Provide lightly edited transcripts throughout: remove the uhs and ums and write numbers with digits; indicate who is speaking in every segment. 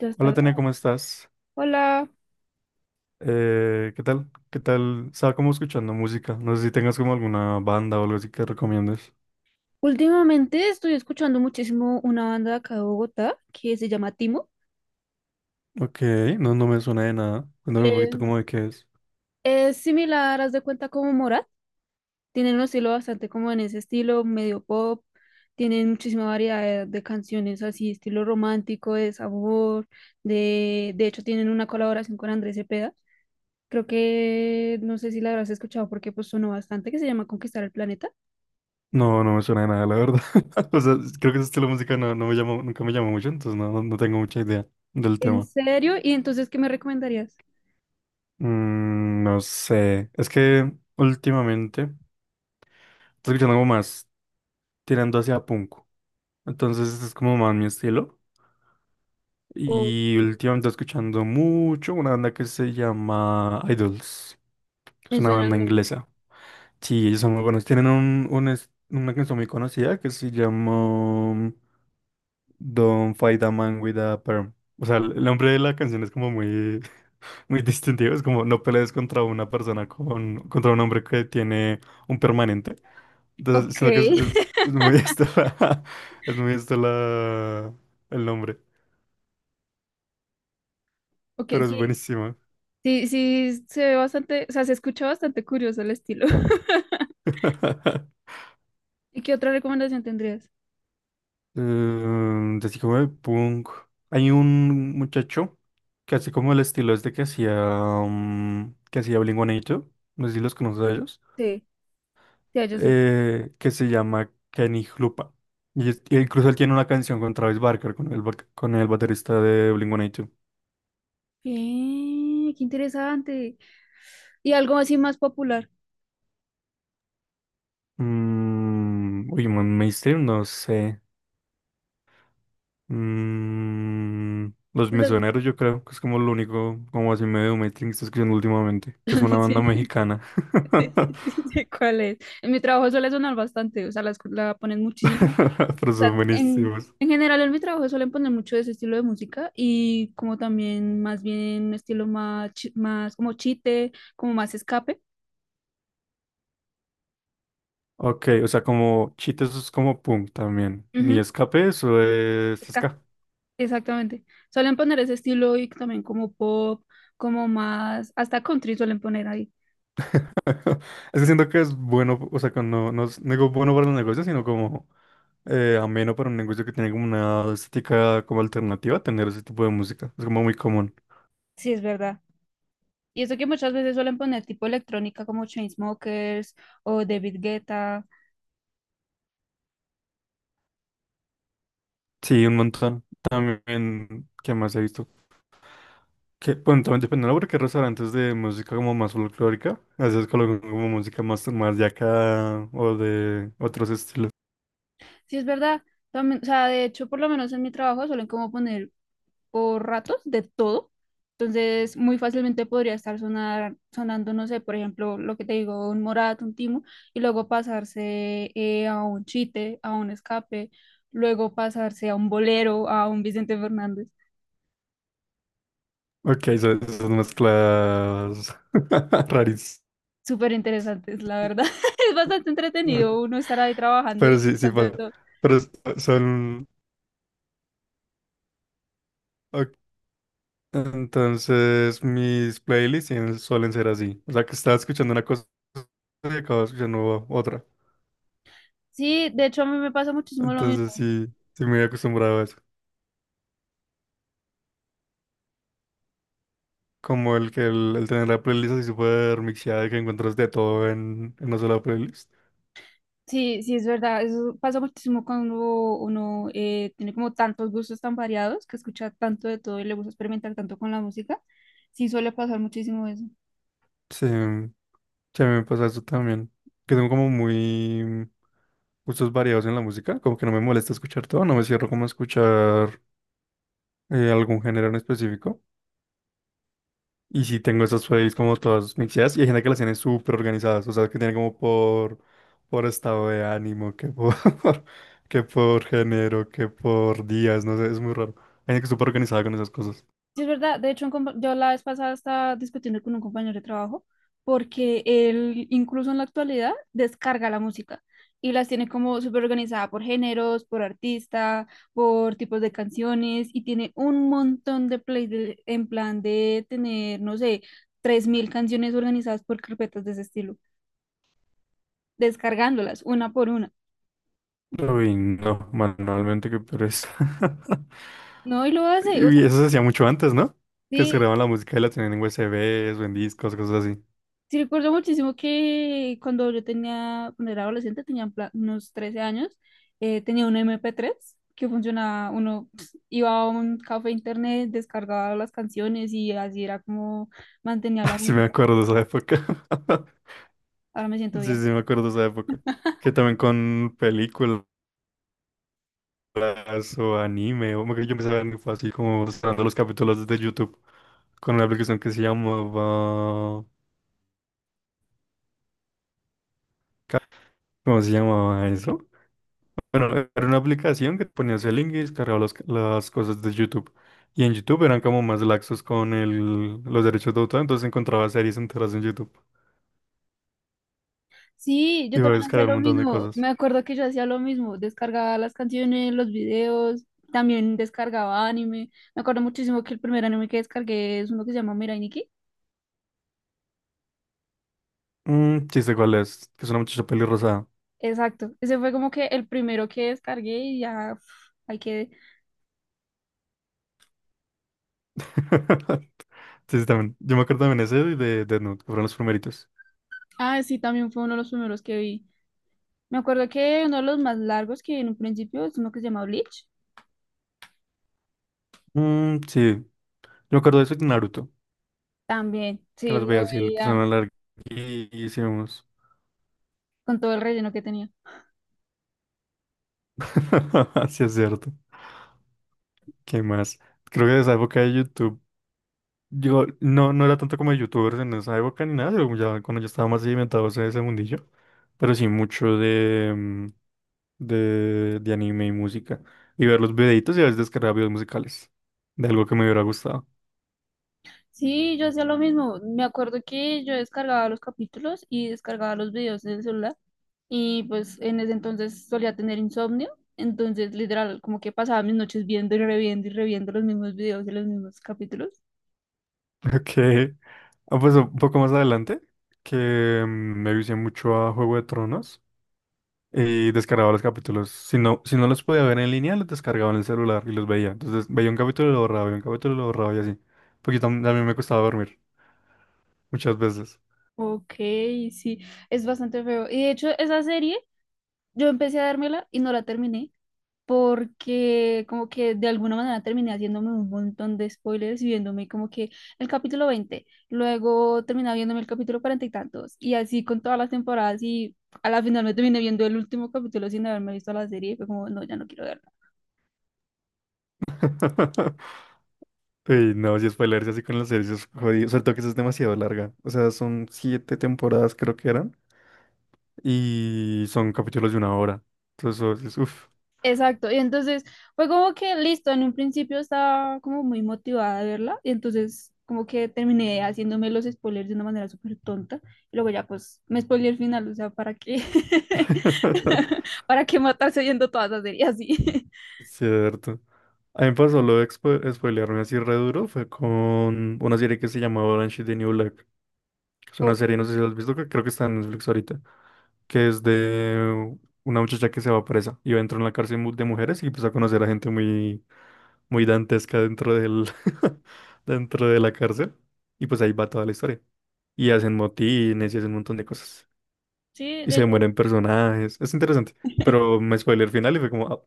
Speaker 1: Ya está
Speaker 2: Hola Tania,
Speaker 1: grabado.
Speaker 2: ¿cómo estás?
Speaker 1: Hola.
Speaker 2: ¿Qué tal? ¿Qué tal? Estaba como escuchando música. No sé si tengas como alguna banda o algo así que recomiendes.
Speaker 1: Últimamente estoy escuchando muchísimo una banda de acá de Bogotá que se llama Timo.
Speaker 2: Ok, no me suena de nada. Cuéntame un poquito como
Speaker 1: Es,
Speaker 2: de qué es.
Speaker 1: es similar, haz de cuenta como Morat. Tienen un estilo bastante como en ese estilo, medio pop. Tienen muchísima variedad de canciones así, estilo romántico, de sabor. De hecho, tienen una colaboración con Andrés Cepeda. Creo que no sé si la habrás escuchado porque pues sonó bastante, que se llama Conquistar el Planeta.
Speaker 2: No me suena de nada, la verdad. O sea, creo que ese estilo de música no me llamó, nunca me llamó mucho, entonces no tengo mucha idea del
Speaker 1: ¿En
Speaker 2: tema.
Speaker 1: serio? ¿Y entonces qué me recomendarías?
Speaker 2: No sé. Es que últimamente estoy escuchando algo más tirando hacia punk. Entonces este es como más mi estilo.
Speaker 1: O-
Speaker 2: Y últimamente estoy escuchando mucho una banda que se llama Idols. Es
Speaker 1: Me
Speaker 2: una
Speaker 1: suena
Speaker 2: banda
Speaker 1: el nombre.
Speaker 2: inglesa. Sí, ellos son muy buenos. Tienen una canción muy conocida que se llama Don't Fight a Man with a Perm. O sea, el nombre de la canción es como muy, muy distintivo. Es como no pelees contra una persona contra un hombre que tiene un permanente. Entonces,
Speaker 1: Ok.
Speaker 2: sino que es, es- es muy es muy esto la, el nombre.
Speaker 1: ok,
Speaker 2: Pero es
Speaker 1: sí,
Speaker 2: buenísimo.
Speaker 1: sí, sí, se ve bastante, o sea, se escucha bastante curioso el estilo. ¿Y qué otra recomendación tendrías?
Speaker 2: Así como de punk. Hay un muchacho que así como el estilo es de que hacía Blink-182, no sé si los conoces a ellos,
Speaker 1: Sí, sí, yo sí.
Speaker 2: que se llama Kenny Hlupa. Y incluso él tiene una canción con Travis Barker, con el baterista de Blink-182.
Speaker 1: Bien, qué interesante. Y algo así más popular.
Speaker 2: Uy, man, mainstream, no sé. Los
Speaker 1: O sea,
Speaker 2: Mesoneros, yo creo que es como lo único, como así medio mainstream que estoy escuchando últimamente, que es una
Speaker 1: sí,
Speaker 2: banda
Speaker 1: sí,
Speaker 2: mexicana.
Speaker 1: sí, sí sé cuál es. En mi trabajo suele sonar bastante, o sea, la ponen muchísimo.
Speaker 2: Pero
Speaker 1: O
Speaker 2: son
Speaker 1: sea,
Speaker 2: buenísimos.
Speaker 1: en general en mi trabajo suelen poner mucho de ese estilo de música y como también más bien un estilo más, más como chite, como más escape.
Speaker 2: Ok, o sea, como cheat eso es como punk también. Ni
Speaker 1: Ujú.
Speaker 2: escape, eso es escape.
Speaker 1: Exactamente. Suelen poner ese estilo y también como pop, como más, hasta country suelen poner ahí.
Speaker 2: Es que siento que es bueno, o sea, que no, no es no digo bueno para los negocios, sino como ameno para un negocio que tiene como una estética como alternativa, tener ese tipo de música. Es como muy común.
Speaker 1: Sí, es verdad. Y eso que muchas veces suelen poner tipo electrónica como Chainsmokers o David Guetta.
Speaker 2: Sí, un montón. También, ¿qué más he visto? Que, bueno, también dependiendo porque hay restaurantes de música como más folclórica, a veces colocan como música más de acá o de otros estilos.
Speaker 1: Sí, es verdad. También, o sea, de hecho, por lo menos en mi trabajo suelen como poner por ratos de todo. Entonces, muy fácilmente podría estar sonando, no sé, por ejemplo, lo que te digo, un Morat, un Timo, y luego pasarse a un Chite, a un Escape, luego pasarse a un Bolero, a un Vicente Fernández.
Speaker 2: Ok, son esas mezclas rarísimas.
Speaker 1: Súper interesantes, la verdad. Es bastante entretenido uno estar ahí trabajando y
Speaker 2: Pero sí, sí,
Speaker 1: escuchando de
Speaker 2: pasa,
Speaker 1: todo.
Speaker 2: pero son. Ok. Entonces, mis playlists suelen ser así. O sea, que estaba escuchando una cosa y acababa escuchando otra.
Speaker 1: Sí, de hecho a mí me pasa muchísimo lo
Speaker 2: Entonces,
Speaker 1: mismo.
Speaker 2: sí, sí me he acostumbrado a eso. Como el que el tener la playlist así súper mixeada y que encuentras de todo en una sola playlist.
Speaker 1: Sí, sí, es verdad. Eso pasa muchísimo cuando uno tiene como tantos gustos tan variados, que escucha tanto de todo y le gusta experimentar tanto con la música. Sí, suele pasar muchísimo eso.
Speaker 2: Sí. Sí, a mí me pasa eso también, que tengo como muy gustos variados en la música, como que no me molesta escuchar todo, no me cierro como a escuchar algún género en específico. Y sí tengo esas playlists como todas mixeadas y hay gente que las tiene súper organizadas, o sea, que tiene como por estado de ánimo, que por, que por género, que por días, no sé, es muy raro. Hay gente que es súper organizada con esas cosas.
Speaker 1: Sí, es verdad. De hecho, un yo la vez pasada estaba discutiendo con un compañero de trabajo porque él incluso en la actualidad descarga la música y las tiene como súper organizada por géneros, por artista, por tipos de canciones y tiene un montón de plays en plan de tener, no sé, 3000 canciones organizadas por carpetas de ese estilo, descargándolas una por una.
Speaker 2: Uy, no, manualmente que pereza.
Speaker 1: No, y lo hace. O sea,
Speaker 2: Y eso se hacía mucho antes, ¿no? Que se
Speaker 1: sí.
Speaker 2: grababan la música y la tenían en USBs o en discos, cosas así.
Speaker 1: Sí, recuerdo muchísimo que cuando yo tenía, cuando era adolescente, tenía en plan unos 13 años, tenía un MP3 que funcionaba, uno pues, iba a un café internet, descargaba las canciones y así era como mantenía la
Speaker 2: Sí me
Speaker 1: música.
Speaker 2: acuerdo de esa época.
Speaker 1: Ahora me siento
Speaker 2: Sí,
Speaker 1: vieja.
Speaker 2: sí me acuerdo de esa época. Que también con películas o anime, o que yo empecé a ver fue así como mostrando los capítulos desde YouTube con una aplicación que se llamaba. ¿Cómo se llamaba eso? Bueno, era una aplicación que ponías el link y descargaba las cosas de YouTube. Y en YouTube eran como más laxos con los derechos de autor, entonces encontraba series enteras en YouTube.
Speaker 1: Sí,
Speaker 2: Y
Speaker 1: yo
Speaker 2: iba a
Speaker 1: también hacía
Speaker 2: descargar un
Speaker 1: lo
Speaker 2: montón de
Speaker 1: mismo.
Speaker 2: cosas.
Speaker 1: Me acuerdo que yo hacía lo mismo. Descargaba las canciones, los videos, también descargaba anime. Me acuerdo muchísimo que el primer anime que descargué es uno que se llama Mirai Nikki.
Speaker 2: Chiste, ¿cuál es? Que es una muchacha pelirrosada.
Speaker 1: Exacto, ese fue como que el primero que descargué y ya uf, hay que...
Speaker 2: Sí, sí, también. Yo me acuerdo también ese y de Death Note, que fueron los primeritos.
Speaker 1: Ah, sí, también fue uno de los primeros que vi. Me acuerdo que uno de los más largos que vi en un principio es uno que se llama Bleach.
Speaker 2: Mm, sí, yo me acuerdo de eso y de Naruto,
Speaker 1: También,
Speaker 2: que
Speaker 1: sí,
Speaker 2: las veía
Speaker 1: lo
Speaker 2: así, que
Speaker 1: veía
Speaker 2: son larguísimos.
Speaker 1: con todo el relleno que tenía.
Speaker 2: Sí, es cierto. ¿Qué más? Creo que de esa época de YouTube. Yo no era tanto como de youtubers en esa época ni nada, pero ya cuando yo estaba más sedimentado en ese mundillo, pero sí mucho de anime y música. Y ver los videitos y a veces descargar videos musicales de algo que me hubiera gustado.
Speaker 1: Sí, yo hacía lo mismo. Me acuerdo que yo descargaba los capítulos y descargaba los videos en el celular y pues en ese entonces solía tener insomnio. Entonces, literal, como que pasaba mis noches viendo y reviendo los mismos videos y los mismos capítulos.
Speaker 2: Ok. Ah, pues un poco más adelante, que me vicié mucho a Juego de Tronos y descargaba los capítulos. Si no, si no los podía ver en línea, los descargaba en el celular y los veía. Entonces veía un capítulo y lo borraba, veía un capítulo y lo borraba y así. Porque también me costaba dormir muchas veces.
Speaker 1: Ok, sí, es bastante feo. Y de hecho, esa serie, yo empecé a dármela y no la terminé porque como que de alguna manera terminé haciéndome un montón de spoilers y viéndome como que el capítulo 20 luego terminaba viéndome el capítulo 40 y tantos, y así con todas las temporadas y a la final me terminé viendo el último capítulo sin haberme visto la serie y fue como, no, ya no quiero.
Speaker 2: Uy, no, si spoilerse así con los servicios jodidos, sobre todo que eso es demasiado larga. O sea, son siete temporadas creo que eran y son capítulos de una hora. Entonces, eso es uff.
Speaker 1: Exacto, y entonces fue como que listo, en un principio estaba como muy motivada de verla, y entonces como que terminé haciéndome los spoilers de una manera súper tonta, y luego ya pues me spoilé el final, o sea, ¿para qué? ¿Para qué matarse viendo todas las series así?
Speaker 2: Cierto. A mí me pasó lo de spoilearme así re duro, fue con una serie que se llama Orange is the New Black. Es una
Speaker 1: Ok,
Speaker 2: serie, no sé si la has visto, que creo que está en Netflix ahorita, que es de una muchacha que se va presa y va a entrar en la cárcel de mujeres y empieza a conocer a gente muy muy dantesca dentro de la cárcel. Y pues ahí va toda la historia. Y hacen motines y hacen un montón de cosas.
Speaker 1: sí,
Speaker 2: Y
Speaker 1: de
Speaker 2: se
Speaker 1: hecho,
Speaker 2: mueren personajes. Es interesante. Pero me spoiler el final y fue como, "Ah,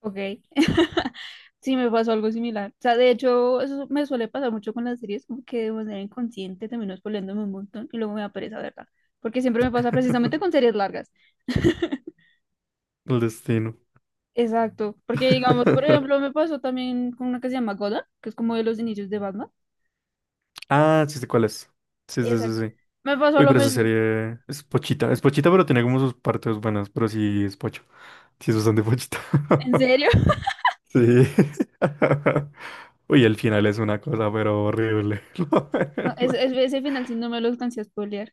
Speaker 1: ok. Sí, me pasó algo similar. O sea, de hecho, eso me suele pasar mucho con las series, como que de manera inconsciente termino spoileándome un montón y luego me da pereza verla. Porque siempre me pasa precisamente con series largas.
Speaker 2: el destino."
Speaker 1: Exacto, porque digamos, por ejemplo, me pasó también con una que se llama Gotham, que es como de los inicios de Batman.
Speaker 2: Ah, sí sé cuál es. Sí, sí, sí,
Speaker 1: Exacto.
Speaker 2: sí.
Speaker 1: Me pasó
Speaker 2: Uy,
Speaker 1: lo
Speaker 2: pero esa
Speaker 1: mismo.
Speaker 2: serie es pochita. Es pochita, pero tiene como sus partes buenas. Pero sí es pocho. Sí es bastante pochita.
Speaker 1: ¿En serio?
Speaker 2: Sí. Uy, el final es una cosa, pero horrible. La
Speaker 1: No,
Speaker 2: verdad.
Speaker 1: ese final sí no me lo alcancé a spoilear.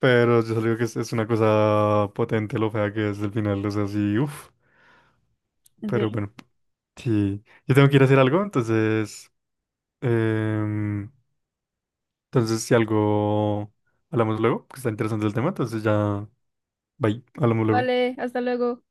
Speaker 2: Pero yo solo digo que es una cosa potente lo fea que es el final, o sea, sí, uff.
Speaker 1: ¿En
Speaker 2: Pero
Speaker 1: serio?
Speaker 2: bueno, sí. Yo tengo que ir a hacer algo, em, entonces, si algo hablamos luego, que está interesante el tema, entonces ya. Bye, hablamos luego.
Speaker 1: Vale, hasta luego.